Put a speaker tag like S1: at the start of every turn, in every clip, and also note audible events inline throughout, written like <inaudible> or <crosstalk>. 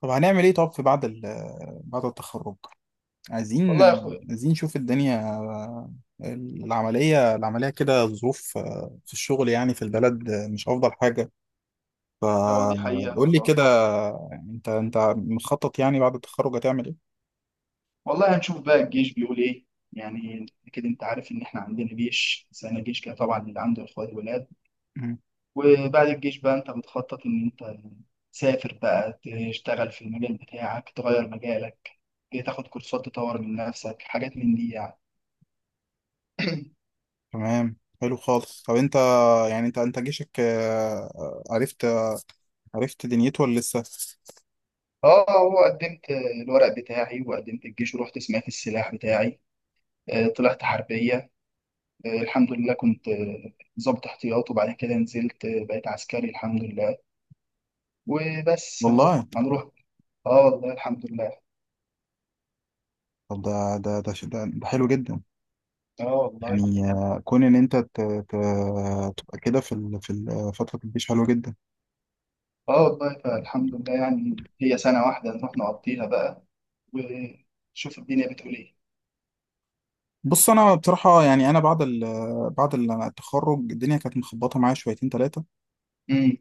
S1: طب هنعمل ايه؟ طب في بعد بعد التخرج، عايزين،
S2: والله يا اخويا،
S1: عايزين نشوف الدنيا. العملية كده الظروف في الشغل يعني في البلد مش أفضل حاجة.
S2: هو دي حقيقة
S1: فقول لي
S2: والله.
S1: كده، انت مخطط يعني بعد التخرج هتعمل ايه؟
S2: والله هنشوف بقى الجيش بيقول ايه. يعني اكيد انت عارف ان احنا عندنا جيش سنة، جيش كده طبعا اللي عنده اخوات ولاد.
S1: مم.
S2: وبعد الجيش بقى انت بتخطط ان انت تسافر بقى، تشتغل في المجال بتاعك، تغير مجالك، تاخد كورسات، تطور من نفسك، حاجات من دي يعني.
S1: تمام، حلو خالص. طب انت، يعني انت جيشك، عرفت، عرفت دنيته ولا لسه؟
S2: اه، هو قدمت الورق بتاعي وقدمت الجيش ورحت سمعت السلاح بتاعي. طلعت حربية. الحمض لله كنت ضابط احتياط، وبعد كده نزلت، بقيت عسكري الحمد لله. وبس اهو
S1: والله.
S2: هنروح. اه والله الحمد لله.
S1: طب ده حلو جدا.
S2: اه والله.
S1: يعني كون ان انت تبقى كده في فتره الجيش حلوه جدا.
S2: اه والله فالحمد لله. يعني هي سنة واحدة نروح نقضيها بقى ونشوف الدنيا بتقول ايه.
S1: بص انا بصراحه، يعني انا بعد التخرج الدنيا كانت مخبطه معايا شويتين ثلاثه.
S2: امم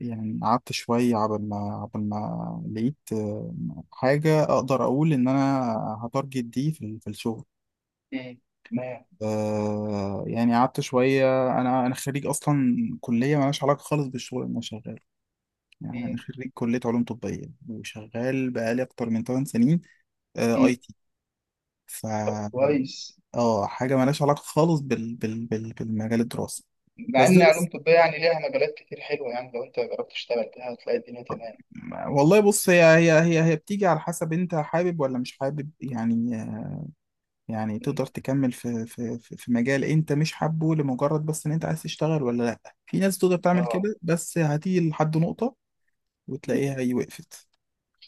S1: يعني قعدت شويه عبل ما لقيت، حاجه اقدر اقول ان انا هتارجت دي في في الشغل.
S2: امم تمام.
S1: يعني قعدت شويه. انا خريج اصلا كليه مالهاش علاقه خالص بالشغل اللي انا شغال. يعني انا
S2: امم
S1: خريج كليه علوم طبيه وشغال بقالي اكتر من 8 سنين،
S2: امم
S1: اي تي. ف
S2: طب كويس.
S1: اه، حاجه مالهاش علاقه خالص بالمجال الدراسي.
S2: مع
S1: بس ده
S2: ان علوم
S1: بس،
S2: طبية يعني ليها مجالات كتير حلوة، يعني لو انت جربت تشتغل فيها هتلاقي الدنيا تمام.
S1: والله بص، هي بتيجي على حسب انت حابب ولا مش حابب. يعني، يعني تقدر
S2: امم
S1: تكمل في مجال انت مش حابه لمجرد بس ان انت عايز تشتغل ولا لا. في ناس تقدر تعمل
S2: اه.
S1: كده بس هتيجي لحد نقطة
S2: مم.
S1: وتلاقيها هي وقفت،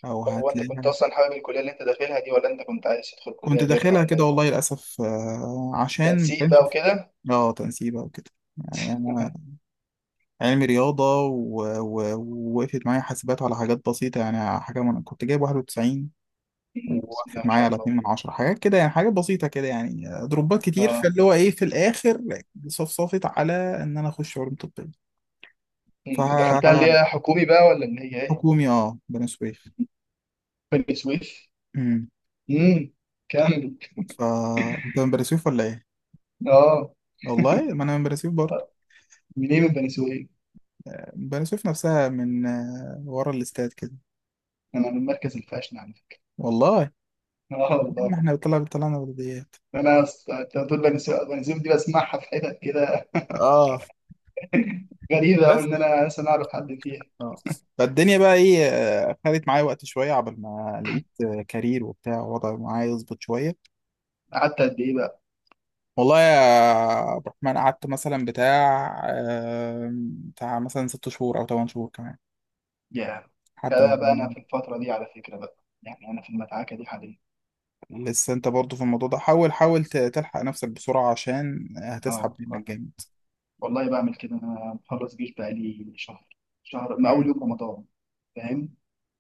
S1: او
S2: طب هو انت كنت
S1: هتلاقيها.
S2: اصلا حابب الكلية اللي انت داخلها دي، ولا انت كنت عايز تدخل كلية
S1: كنت
S2: غيرها،
S1: داخلها
S2: ولا
S1: كده
S2: ايه؟
S1: والله للاسف، عشان ما
S2: تنسيق بقى
S1: كانش
S2: وكده.
S1: اه تنسيبها وكده. يعني
S2: <laughs>
S1: انا علمي رياضة، ووقفت معايا حاسبات على حاجات بسيطة. يعني حاجة من كنت جايب 91،
S2: مم. بسم الله
S1: ووقفت
S2: ما
S1: معايا
S2: شاء
S1: على
S2: الله.
S1: 2 من 10 حاجات كده. يعني حاجات بسيطة كده يعني، دروبات كتير،
S2: اه،
S1: فاللي هو إيه في الآخر صفصفت على إن أنا أخش علوم طبية.
S2: انت دخلتها اللي
S1: فحكومي،
S2: هي حكومي بقى، ولا اللي هي ايه؟
S1: أه، بني سويف.
S2: بني سويف؟
S1: أمم.
S2: امم. كمل.
S1: ف أنت من بني سويف ولا إيه؟
S2: اه،
S1: والله ما أنا من بني سويف برضه.
S2: منين من بني سويف؟
S1: بني سويف نفسها، من ورا الاستاد كده.
S2: انا من المركز الفاشن على فكره.
S1: والله
S2: اه والله.
S1: ما إحنا طلعنا بلديات.
S2: انا انت بتقول بني سويف، بني سويف دي بسمعها في حتت كده.
S1: اه،
S2: غريبه قوي
S1: بس
S2: ان انا اصلا اعرف حد فيها.
S1: اه. فالدنيا بقى ايه، خدت معايا وقت شويه عبال ما لقيت كارير وبتاع وضع معايا يظبط شويه.
S2: قعدت قد ايه بقى؟
S1: والله يا عبد الرحمن، قعدت مثلا بتاع، بتاع مثلا ست شهور او ثمان شهور كمان
S2: يا
S1: لحد ما.
S2: فبقى انا في الفتره دي على فكره بقى. يعني انا في المدعكه دي حاليا.
S1: لسه انت برضو في الموضوع ده، حاول تلحق نفسك بسرعه عشان هتسحب
S2: اه والله.
S1: منك جامد.
S2: والله بعمل كده، انا مخلص جيش بقى لي شهر، شهر من اول
S1: مم.
S2: يوم رمضان. فاهم؟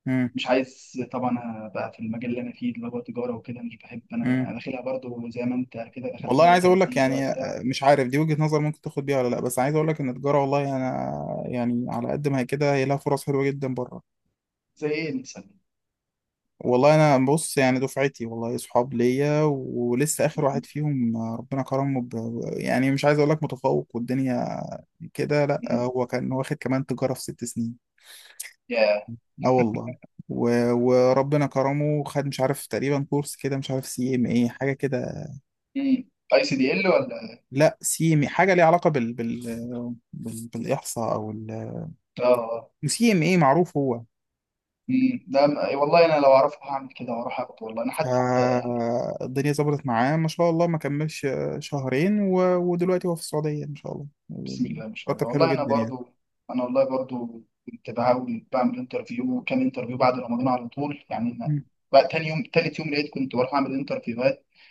S1: مم.
S2: مش عايز طبعا ابقى في المجال اللي انا فيه، اللي هو تجاره وكده. مش بحب، انا
S1: مم.
S2: داخلها برضو زي ما انت كده
S1: والله
S2: دخلتها،
S1: انا
S2: ايه،
S1: عايز اقول لك
S2: تنسيق بقى
S1: يعني،
S2: بتاع.
S1: مش عارف دي وجهة نظر ممكن تاخد بيها ولا لا، بس عايز اقول لك ان التجاره والله انا، يعني على قد ما هي كده هي لها فرص حلوه جدا بره.
S2: زي ايه مثلا؟
S1: والله انا بص، يعني دفعتي والله صحاب ليا، ولسه اخر واحد فيهم ربنا كرمه ب... يعني مش عايز اقول لك متفوق والدنيا كده، لا،
S2: <laughs>
S1: هو كان واخد كمان تجارة في ست سنين.
S2: يا
S1: اه والله، و... وربنا كرمه، خد مش عارف تقريبا كورس كده، مش عارف سي ام ايه حاجة كده.
S2: اي سي دي ال، ولا؟
S1: لا سي ام حاجة ليها علاقة بالاحصاء او ال...
S2: اه.
S1: سي ام ايه معروف هو.
S2: مم. ده أي والله انا لو اعرفه هعمل كده واروح اخده. والله انا حتى يعني،
S1: الدنيا ظبطت معاه ما شاء الله، ما كملش شهرين، و... ودلوقتي هو في السعودية ما شاء الله،
S2: بسم الله ما شاء
S1: مرتب
S2: الله.
S1: حلو
S2: والله انا
S1: جدا يعني.
S2: برضو، انا والله برضو كنت بحاول بعمل انترفيو، وكام انترفيو بعد رمضان على طول. يعني أنا
S1: مم.
S2: بقى تاني يوم تالت يوم لقيت كنت بروح اعمل انترفيو.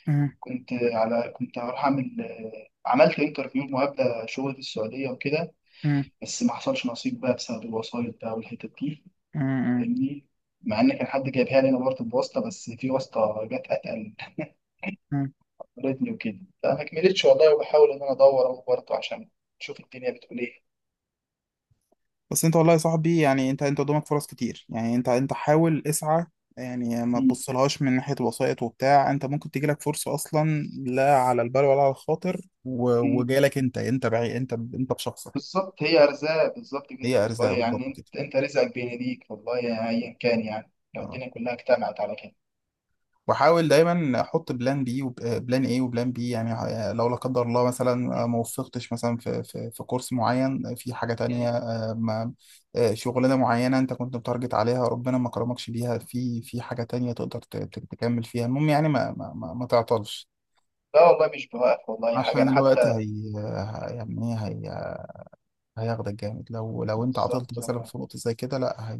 S1: مم.
S2: كنت هروح اعمل، عملت انترفيو وهبدا شغل في السعوديه وكده.
S1: مم.
S2: بس ما حصلش نصيب بقى بسبب الوسايط بقى والحتت دي.
S1: مم.
S2: فاهمني، مع ان كان حد جايبها لي، انا برضه بواسطه، بس في واسطه جت اتقل
S1: مم.
S2: قابلتني وكده، فما كملتش والله. وبحاول ان انا ادور اهو برضه عشان اشوف الدنيا بتقول ايه.
S1: بس انت والله يا صاحبي، يعني انت قدامك فرص كتير. يعني انت حاول اسعى، يعني ما
S2: م-
S1: تبصلهاش من ناحية وسائط وبتاع. انت ممكن تجيلك فرصة اصلا لا على البال ولا على الخاطر، و...
S2: م.
S1: وجايلك انت، انت بشخصك.
S2: بالظبط، هي ارزاق بالظبط كده
S1: هي ارزاق
S2: والله.
S1: بالظبط
S2: يعني
S1: كده.
S2: انت رزقك بين ايديك والله، ايا كان، يعني لو
S1: اه،
S2: الدنيا كلها اجتمعت على كده.
S1: واحاول دايما احط بلان بي وبلان ايه وبلان بي. يعني لو لا قدر الله مثلا،
S2: م.
S1: ما وفقتش مثلا في كورس معين، في حاجه تانية. آه، ما شغلانه معينه انت كنت متارجت عليها ربنا ما كرمكش بيها، في في حاجه تانية تقدر تكمل فيها. المهم يعني ما تعطلش
S2: لا والله مش بوقف والله حاجة.
S1: عشان
S2: أنا
S1: الوقت.
S2: حتى
S1: هي، يعني ايه، هي هياخدك جامد. لو لو انت عطلت
S2: بالظبط
S1: مثلا
S2: والله.
S1: في نقطه زي كده، لا هي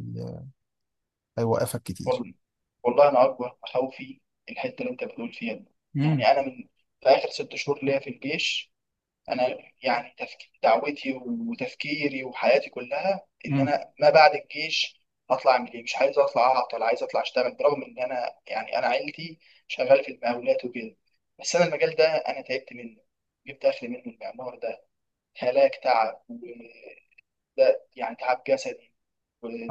S1: هيوقفك كتير.
S2: وال- والله انا اكبر خوفي الحته اللي انت بتقول فيها دي.
S1: امم.
S2: يعني انا من، في اخر ست شهور ليا في الجيش، انا يعني دعوتي وتفكيري وحياتي كلها ان
S1: امم.
S2: انا ما بعد الجيش هطلع اعمل ايه. مش عايز اطلع اعطل، عايز اطلع اشتغل، برغم ان انا يعني انا عيلتي شغاله في المقاولات وكده، بس انا المجال ده انا تعبت منه. جبت اخر منه المعمار ده، هلاك تعب وده، يعني تعب جسدي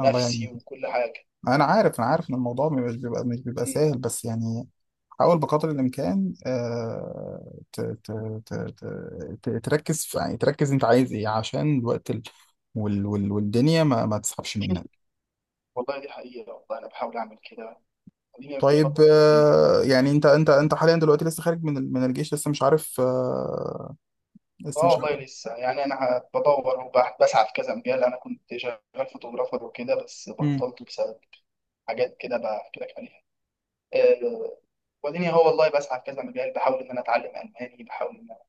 S1: الله يعينك.
S2: وكل حاجه.
S1: انا عارف ان الموضوع مش بيبقى، مش بيبقى سهل، بس يعني حاول بقدر الامكان، تركز في، يعني تركز انت عايز ايه عشان الوقت ال... والدنيا ما تسحبش منك.
S2: والله دي حقيقة والله. أنا بحاول أعمل كده، خليني
S1: طيب،
S2: أشطب في الدنيا.
S1: يعني انت انت
S2: مم.
S1: انت حاليا دلوقتي لسه خارج من من الجيش، لسه مش عارف، لسه
S2: آه
S1: مش
S2: والله
S1: عارف.
S2: لسه. يعني أنا بدور وبسعى في كذا مجال. أنا كنت شغال فوتوغرافر وكده، بس
S1: مم.
S2: بطلت بسبب حاجات كده بحكي لك عليها. آه، وديني هو والله بسعى في كذا مجال، بحاول إن أنا أتعلم ألماني، بحاول إن أنا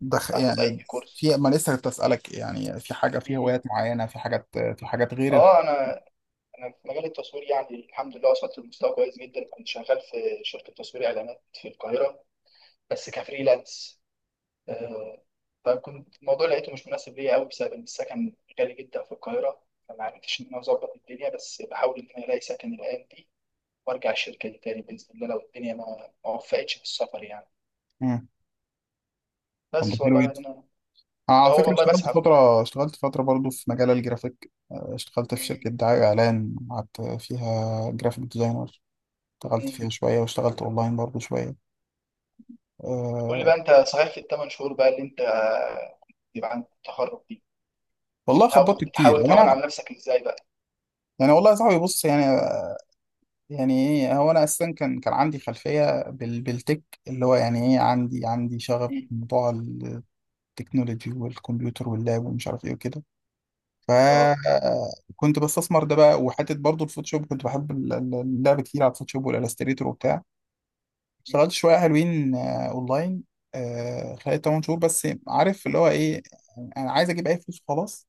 S1: يعني
S2: آخد أي
S1: في
S2: كورس.
S1: ما لسه كنت اسالك، يعني في حاجه، في
S2: مم.
S1: هوايات معينه، في حاجات، في حاجات غير
S2: آه، أنا أنا في مجال التصوير يعني الحمد لله وصلت لمستوى كويس جدا. كنت شغال في شركة تصوير إعلانات في القاهرة، بس كفريلانس. آه، فكنت الموضوع لقيته مش مناسب ليا قوي بسبب ان السكن غالي جدا في القاهره. فما عرفتش ان انا اظبط الدنيا، بس بحاول ان انا الاقي سكن الايام دي وارجع الشركه دي تاني باذن الله، لو الدنيا ما وفقتش في السفر يعني.
S1: مم. طب ده
S2: بس
S1: حلو.
S2: والله انا
S1: على
S2: هو
S1: فكرة
S2: والله
S1: اشتغلت
S2: بسعى في كده.
S1: فترة، اشتغلت فترة برضو في مجال الجرافيك. اشتغلت في
S2: مم.
S1: شركة دعاية وإعلان، قعدت فيها جرافيك ديزاينر. اشتغلت
S2: مم.
S1: فيها شوية، واشتغلت أونلاين برضو شوية.
S2: قول لي
S1: أه.
S2: بقى، انت صحيح في الثمان شهور بقى اللي انت يبقى عند التخرج دي، أنت
S1: والله
S2: بتحاول،
S1: خبطت كتير.
S2: بتحاول
S1: هو
S2: تهون
S1: أنا،
S2: على نفسك ازاي بقى؟
S1: يعني والله يا صاحبي بص يعني، يعني إيه، هو أنا أساسا كان عندي خلفية بال بالتك اللي هو يعني إيه، عندي شغف
S2: مم.
S1: بموضوع التكنولوجي والكمبيوتر واللاب ومش عارف إيه وكده.
S2: اه.
S1: فكنت بستثمر ده بقى، وحته برضو الفوتوشوب كنت بحب اللعب كتير على الفوتوشوب والالستريتور وبتاع.
S2: مم.
S1: اشتغلت شويه حلوين، اونلاين. خلال 8 شهور بس، عارف اللي هو ايه، يعني انا عايز اجيب اي فلوس خلاص.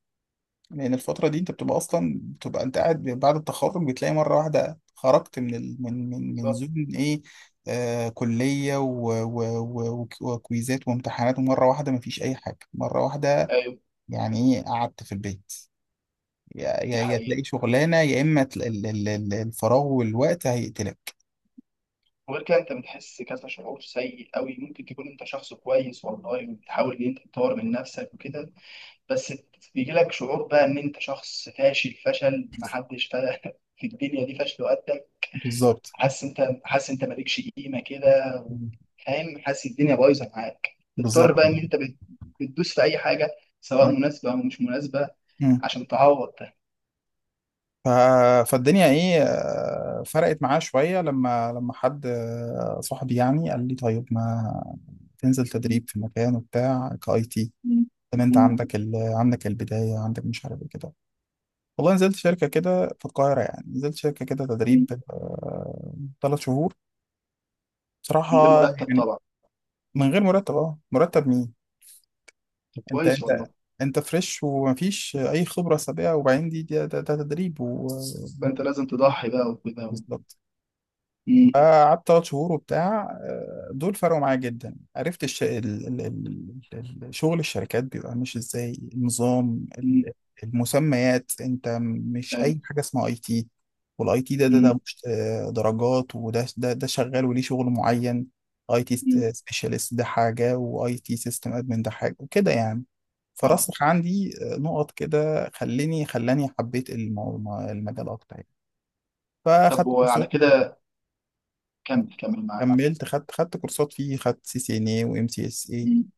S1: لان الفتره دي انت بتبقى اصلا، بتبقى انت قاعد بعد التخرج، بتلاقي مره واحده خرجت من ال... من
S2: بالظبط.
S1: زون ايه، آه كليه وكويزات وامتحانات، ومره واحده مفيش اي حاجه مره واحده.
S2: ايوه
S1: يعني ايه، قعدت في البيت،
S2: دي
S1: يا تلاقي
S2: حقيقة.
S1: شغلانه يا اما الفراغ والوقت هيقتلك.
S2: وغير كده انت بتحس كذا شعور سيء قوي. ممكن تكون انت شخص كويس والله وبتحاول ان انت تطور من نفسك وكده، بس بيجي لك شعور بقى ان انت شخص فاشل، فشل محدش <laughs> في الدنيا دي فشل وقدك.
S1: بالظبط،
S2: حاسس، انت حاسس انت مالكش قيمه كده. فاهم، حاسس الدنيا بايظه معاك. بتضطر
S1: بالظبط.
S2: بقى ان انت بتدوس في اي حاجه، سواء
S1: مم.
S2: مناسبه او مش مناسبه،
S1: مم.
S2: عشان تعوض ده.
S1: ف... فالدنيا ايه، فرقت معاه شويه لما، لما حد، صاحبي يعني قال لي طيب ما تنزل تدريب في مكان وبتاع كاي تي.
S2: <laughs>
S1: طب انت
S2: من
S1: عندك ال... عندك البدايه، عندك مش عارف ايه كده. والله نزلت شركه كده في القاهره، يعني نزلت شركه كده تدريب ثلاث شهور
S2: غير
S1: بصراحه،
S2: مرتب
S1: يعني
S2: طبعا.
S1: من غير مرتب، اه مرتب.
S2: طب
S1: انت
S2: كويس
S1: انت
S2: والله.
S1: انت فريش ومفيش اي خبره سابقه، وبعدين دي ده تدريب و،
S2: فانت لازم تضحي بقى وكده.
S1: بالظبط. قعدت ثلاث شهور وبتاع، دول فرقوا معايا جدا، عرفت الش... ال... ال... شغل الشركات بيبقى ماشي ازاي، النظام
S2: مم.
S1: المسميات. انت مش
S2: ايوه.
S1: اي حاجه اسمها اي تي، والاي تي ده
S2: مم.
S1: مش، درجات، وده ده ده شغال وليه شغل معين. اي تي
S2: مم.
S1: سبيشالست ده حاجه، واي تي سيستم ادمن ده حاجه وكده يعني.
S2: اه،
S1: فرسخ عندي نقط كده، خليني خلاني حبيت المجال اكتر يعني.
S2: طب
S1: فاخدت
S2: وعلى
S1: كورسات.
S2: كده، كمل كمل معايا.
S1: كملت، خدت كورسات فيه، خدت سي سي ان اي وام سي اس اي
S2: مم.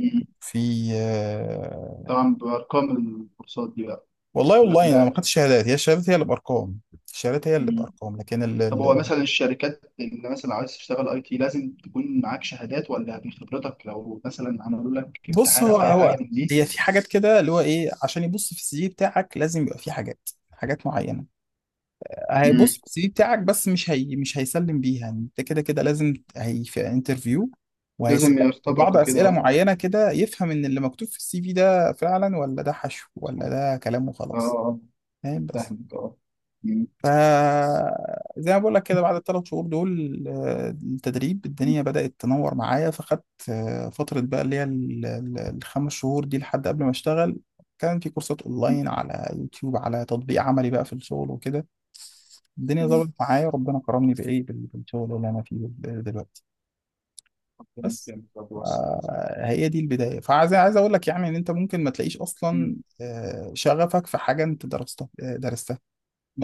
S2: مم.
S1: في، آه.
S2: طبعا بارقام الكورسات دي بقى،
S1: والله،
S2: ولا
S1: والله انا
S2: كلها؟
S1: ما خدتش شهادات. هي الشهادات، هي اللي بارقام. الشهادات هي اللي
S2: مم.
S1: بارقام، لكن ال...
S2: طب هو
S1: ال-
S2: مثلا الشركات اللي مثلا عايز تشتغل اي تي، لازم تكون معاك شهادات، ولا من خبرتك لو مثلا عملوا لك
S1: بص
S2: امتحان
S1: هو،
S2: او اي
S1: هو
S2: حاجه من دي؟
S1: هي في حاجات كده اللي هو ايه، عشان يبص في السي في بتاعك لازم يبقى في حاجات، حاجات معينه.
S2: مم.
S1: هيبص في السي في بتاعك بس، مش هي مش هيسلم بيها. يعني انت كده كده لازم، هي في انترفيو
S2: لازم
S1: وهيسالك في
S2: يختبرك
S1: بعض
S2: وكده،
S1: اسئله
S2: اه.
S1: معينه كده، يفهم ان اللي مكتوب في السي في ده فعلا، ولا ده حشو، ولا ده كلام
S2: اه
S1: وخلاص.
S2: آه.
S1: فاهم، بس
S2: فاهمك، اه. مم.
S1: فزي ما بقول لك كده، بعد الثلاث شهور دول، التدريب الدنيا بدأت تنور معايا. فخدت فترة بقى اللي هي الخمس شهور دي لحد قبل ما اشتغل، كان في كورسات
S2: مم.
S1: اونلاين على يوتيوب، على تطبيق عملي بقى في الشغل وكده. الدنيا
S2: أيوة.
S1: ظبطت معايا، ربنا كرمني بايه بالشغل اللي انا فيه دلوقتي.
S2: ربنا
S1: بس
S2: يكرمك، ربنا يوسع عليك.
S1: هي دي البداية. فعايز، عايز اقول لك يعني ان انت ممكن ما تلاقيش اصلا
S2: مم.
S1: شغفك في حاجة انت درستها، درستها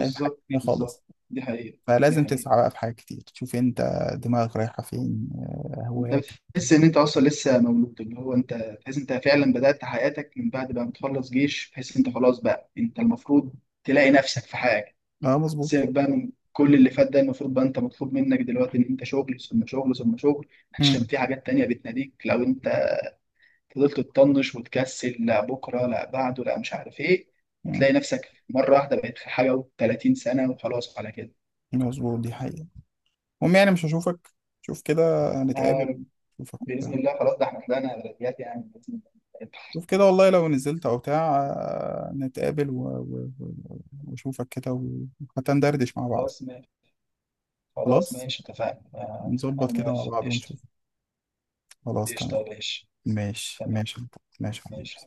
S1: في حاجة تانية
S2: بالظبط.
S1: خالص.
S2: دي حقيقة. دي
S1: فلازم
S2: حقيقة.
S1: تسعى بقى في حاجات كتير، تشوف انت دماغك رايحة فين،
S2: انت
S1: هواياتك.
S2: بتحس ان انت اصلا لسه مولود، اللي هو انت تحس انت فعلا بدأت حياتك من بعد بقى ما تخلص جيش. تحس انت
S1: إيه.
S2: خلاص بقى، انت المفروض تلاقي نفسك في حاجه.
S1: اه مظبوط.
S2: سيبك بقى من كل اللي فات ده، المفروض بقى انت مطلوب منك دلوقتي ان انت شغل ثم شغل ثم شغل،
S1: مم.
S2: عشان في حاجات تانية بتناديك. لو انت فضلت تطنش وتكسل، لا بكره لا بعده لا مش عارف ايه،
S1: مم.
S2: هتلاقي نفسك مره واحده بقيت في حاجه و30 سنه وخلاص على كده.
S1: مظبوط، دي حقيقة. المهم يعني، مش هشوفك، شوف كده،
S2: آه،
S1: نتقابل، اشوفك
S2: باذن
S1: وبتاع.
S2: الله. خلاص، ده احنا طلعنا بلديات يعني، باذن الله.
S1: شوف كده، والله لو نزلت او بتاع، نتقابل واشوفك كده، وحتى ندردش مع بعض.
S2: خلاص خلاص
S1: خلاص،
S2: ماشي، اتفقنا. أنا
S1: نظبط كده مع
S2: موافق،
S1: بعض
S2: قشطة.
S1: ونشوف. خلاص، تمام.
S2: قشطة يا باشا.
S1: ماشي،
S2: تمام.
S1: ماشي. ماشي يا حبيبي.
S2: ماشي.